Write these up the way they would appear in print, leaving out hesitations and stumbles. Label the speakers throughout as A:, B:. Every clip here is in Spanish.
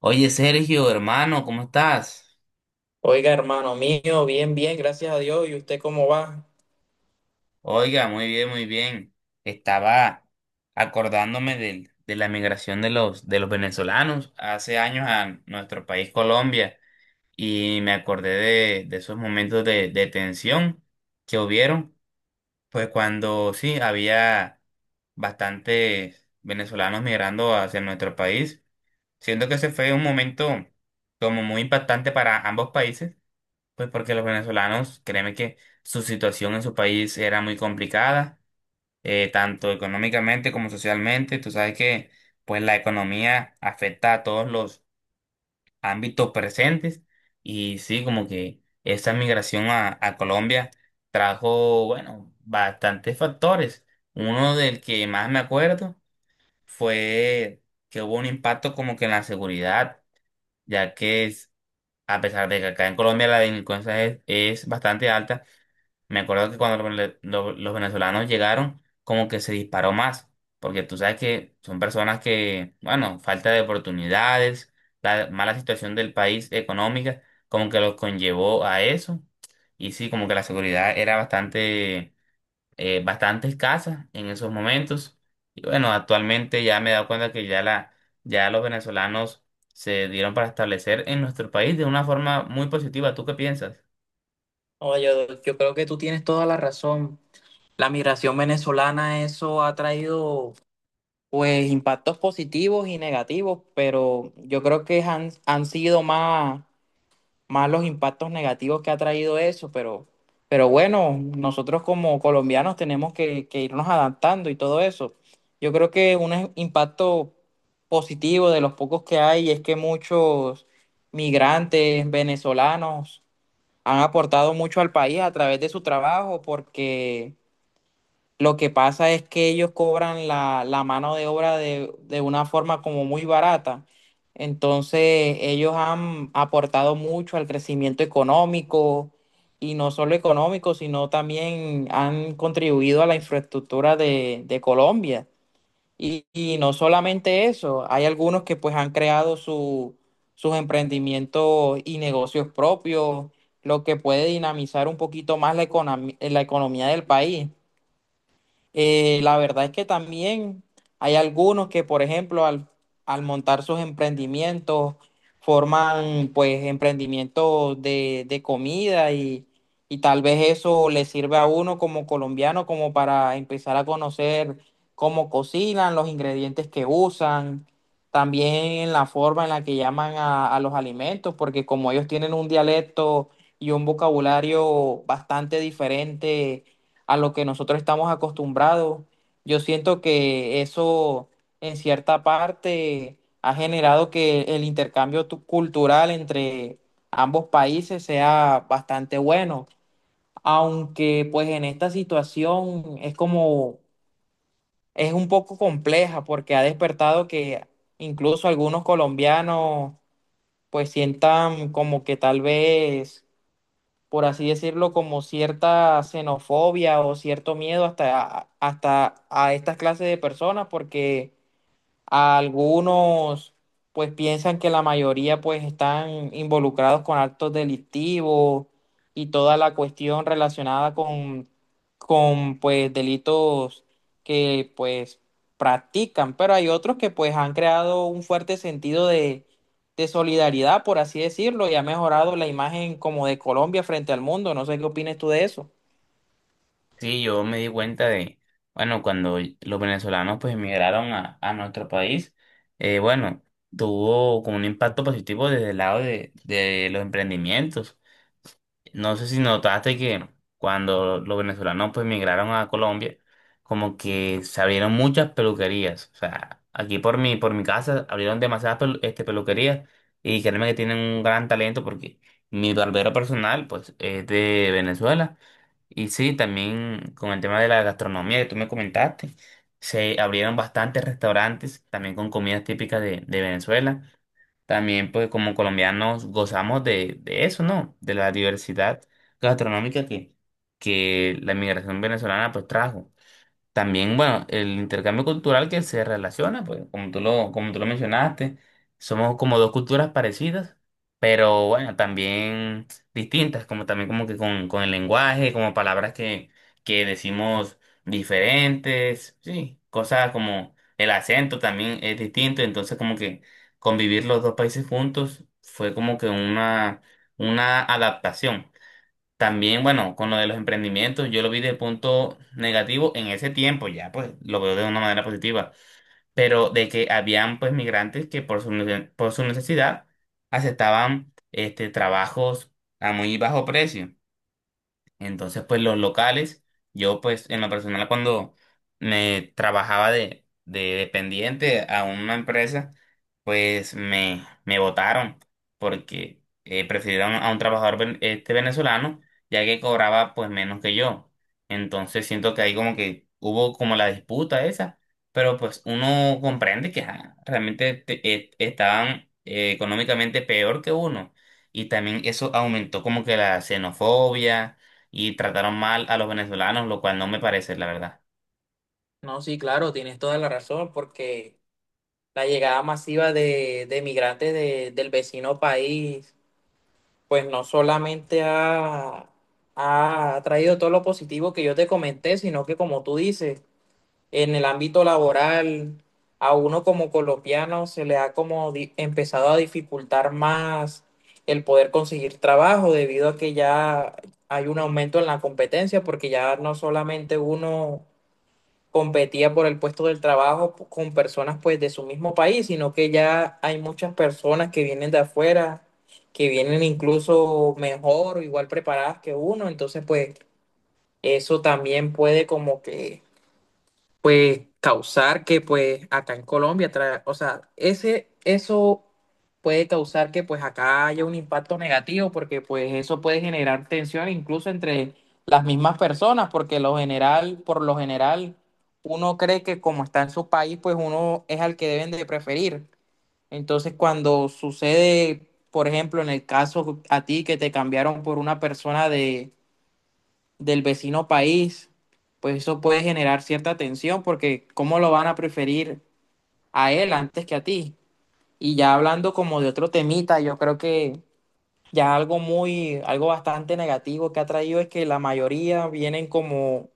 A: Oye, Sergio, hermano, ¿cómo estás?
B: Oiga, hermano mío, bien, bien, gracias a Dios. ¿Y usted cómo va?
A: Oiga, muy bien, muy bien. Estaba acordándome de la migración de de los venezolanos hace años a nuestro país Colombia y me acordé de esos momentos de tensión que hubieron, pues cuando sí, había bastantes venezolanos migrando hacia nuestro país. Siento que ese fue un momento como muy impactante para ambos países. Pues porque los venezolanos, créeme que su situación en su país era muy complicada, tanto económicamente como socialmente. Tú sabes que pues la economía afecta a todos los ámbitos presentes y sí, como que esa migración a Colombia trajo, bueno, bastantes factores. Uno del que más me acuerdo fue que hubo un impacto como que en la seguridad, ya que es- a pesar de que acá en Colombia la delincuencia es bastante alta, me acuerdo que cuando los venezolanos llegaron, como que se disparó más, porque tú sabes que son personas que, bueno, falta de oportunidades, la mala situación del país económica, como que los conllevó a eso. Y sí, como que la seguridad era bastante, bastante escasa en esos momentos. Y bueno, actualmente ya me he dado cuenta que ya los venezolanos se dieron para establecer en nuestro país de una forma muy positiva. ¿Tú qué piensas?
B: Oye, yo creo que tú tienes toda la razón. La migración venezolana, eso ha traído pues impactos positivos y negativos, pero yo creo que han sido más los impactos negativos que ha traído eso, pero bueno, nosotros como colombianos tenemos que irnos adaptando y todo eso. Yo creo que un impacto positivo de los pocos que hay es que muchos migrantes venezolanos han aportado mucho al país a través de su trabajo, porque lo que pasa es que ellos cobran la mano de obra de una forma como muy barata. Entonces, ellos han aportado mucho al crecimiento económico, y no solo económico, sino también han contribuido a la infraestructura de Colombia. Y no solamente eso, hay algunos que pues han creado sus emprendimientos y negocios propios, lo que puede dinamizar un poquito más la la economía del país. La verdad es que también hay algunos que, por ejemplo, al montar sus emprendimientos, forman pues emprendimientos de comida, y tal vez eso le sirve a uno como colombiano como para empezar a conocer cómo cocinan, los ingredientes que usan, también la forma en la que llaman a los alimentos, porque como ellos tienen un dialecto y un vocabulario bastante diferente a lo que nosotros estamos acostumbrados. Yo siento que eso en cierta parte ha generado que el intercambio cultural entre ambos países sea bastante bueno, aunque pues en esta situación es como, es un poco compleja, porque ha despertado que incluso algunos colombianos pues sientan como que tal vez, por así decirlo, como cierta xenofobia o cierto miedo hasta, hasta a estas clases de personas, porque algunos pues piensan que la mayoría pues están involucrados con actos delictivos y toda la cuestión relacionada con pues delitos que pues practican, pero hay otros que pues han creado un fuerte sentido de solidaridad, por así decirlo, y ha mejorado la imagen como de Colombia frente al mundo. No sé qué opinas tú de eso.
A: Sí, yo me di cuenta de, bueno, cuando los venezolanos pues emigraron a nuestro país, bueno, tuvo como un impacto positivo desde el lado de los emprendimientos. No sé si notaste que cuando los venezolanos pues migraron a Colombia, como que se abrieron muchas peluquerías. O sea, aquí por mi casa abrieron demasiadas peluquerías y créeme que tienen un gran talento porque mi barbero personal pues es de Venezuela. Y sí, también con el tema de la gastronomía que tú me comentaste, se abrieron bastantes restaurantes también con comidas típicas de Venezuela. También, pues, como colombianos gozamos de eso, ¿no? De la diversidad gastronómica que la inmigración venezolana, pues, trajo. También, bueno, el intercambio cultural que se relaciona, pues, como tú lo mencionaste, somos como dos culturas parecidas, pero bueno, también distintas, como también como que con el lenguaje, como palabras que decimos diferentes, sí, cosas como el acento también es distinto, entonces como que convivir los dos países juntos fue como que una adaptación. También, bueno, con lo de los emprendimientos, yo lo vi de punto negativo en ese tiempo, ya pues lo veo de una manera positiva, pero de que habían pues migrantes que por su necesidad aceptaban trabajos a muy bajo precio. Entonces, pues los locales, yo pues en lo personal cuando me trabajaba de dependiente a una empresa, pues me votaron porque prefirieron a un trabajador venezolano ya que cobraba pues menos que yo. Entonces siento que ahí como que hubo como la disputa esa, pero pues uno comprende que estaban económicamente peor que uno. Y también eso aumentó como que la xenofobia y trataron mal a los venezolanos, lo cual no me parece, la verdad.
B: No, sí, claro, tienes toda la razón, porque la llegada masiva de migrantes del vecino país, pues no solamente ha traído todo lo positivo que yo te comenté, sino que, como tú dices, en el ámbito laboral, a uno como colombiano se le ha empezado a dificultar más el poder conseguir trabajo, debido a que ya hay un aumento en la competencia, porque ya no solamente uno competía por el puesto del trabajo con personas pues de su mismo país, sino que ya hay muchas personas que vienen de afuera, que vienen incluso mejor o igual preparadas que uno. Entonces pues eso también puede como que pues causar que pues acá en Colombia, o sea, eso puede causar que pues acá haya un impacto negativo, porque pues eso puede generar tensión incluso entre las mismas personas, porque por lo general uno cree que como está en su país pues uno es al que deben de preferir. Entonces cuando sucede, por ejemplo, en el caso a ti que te cambiaron por una persona de del vecino país, pues eso puede generar cierta tensión, porque cómo lo van a preferir a él antes que a ti. Y ya hablando como de otro temita, yo creo que ya algo bastante negativo que ha traído es que la mayoría vienen como,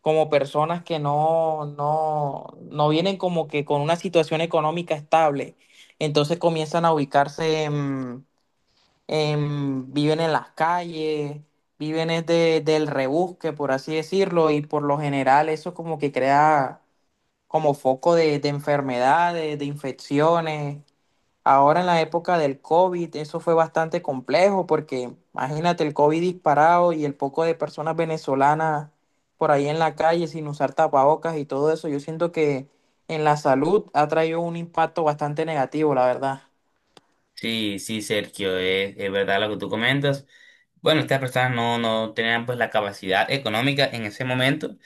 B: como personas que no, no, no vienen como que con una situación económica estable. Entonces comienzan a ubicarse en viven en las calles, viven es del rebusque, por así decirlo, y por lo general eso como que crea como foco de enfermedades, de infecciones. Ahora en la época del COVID eso fue bastante complejo, porque imagínate el COVID disparado y el poco de personas venezolanas por ahí en la calle sin usar tapabocas y todo eso. Yo siento que en la salud ha traído un impacto bastante negativo, la verdad.
A: Sí, sí, Sergio, es verdad lo que tú comentas. Bueno, estas personas no, no tenían pues la capacidad económica en ese momento.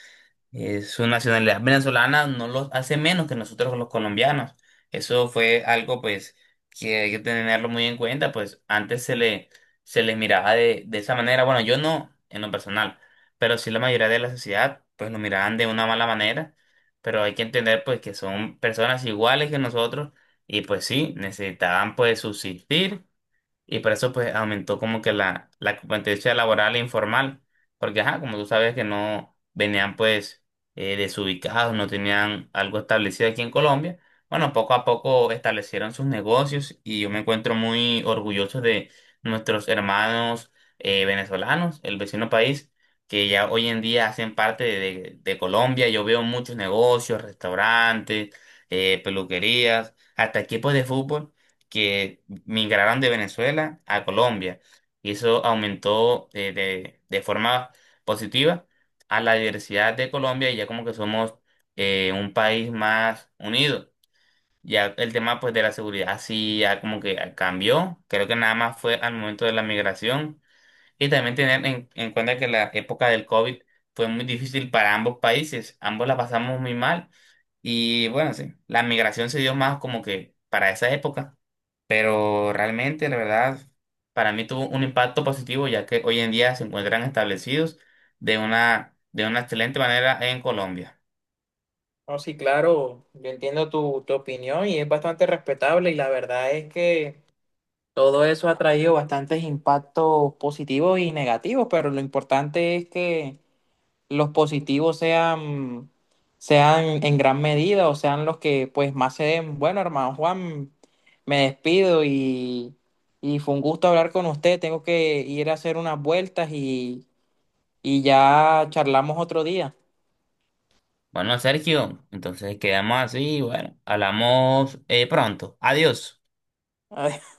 A: Eh, su nacionalidad venezolana no los hace menos que nosotros los colombianos. Eso fue algo pues que hay que tenerlo muy en cuenta, pues antes se les miraba de esa manera, bueno, yo no en lo personal, pero sí la mayoría de la sociedad pues lo miraban de una mala manera, pero hay que entender pues que son personas iguales que nosotros y pues sí, necesitaban pues subsistir y por eso pues aumentó como que la competencia laboral e informal, porque ajá, como tú sabes que no venían pues desubicados, no tenían algo establecido aquí en Colombia, bueno, poco a poco establecieron sus negocios y yo me encuentro muy orgulloso de nuestros hermanos venezolanos, el vecino país, que ya hoy en día hacen parte de Colombia. Yo veo muchos negocios, restaurantes, peluquerías, hasta equipos de fútbol que migraron de Venezuela a Colombia y eso aumentó de forma positiva a la diversidad de Colombia y ya como que somos un país más unido. Ya el tema pues de la seguridad sí ya como que cambió, creo que nada más fue al momento de la migración y también tener en cuenta que la época del COVID fue muy difícil para ambos países, ambos la pasamos muy mal y bueno, sí, la migración se dio más como que para esa época. Pero realmente, la verdad, para mí tuvo un impacto positivo, ya que hoy en día se encuentran establecidos de una excelente manera en Colombia.
B: No, sí, claro, yo entiendo tu opinión y es bastante respetable, y la verdad es que todo eso ha traído bastantes impactos positivos y negativos, pero lo importante es que los positivos sean en gran medida o sean los que pues más se den. Bueno, hermano Juan, me despido, y fue un gusto hablar con usted. Tengo que ir a hacer unas vueltas, y ya charlamos otro día.
A: Bueno, Sergio, entonces quedamos así, bueno, hablamos pronto. Adiós.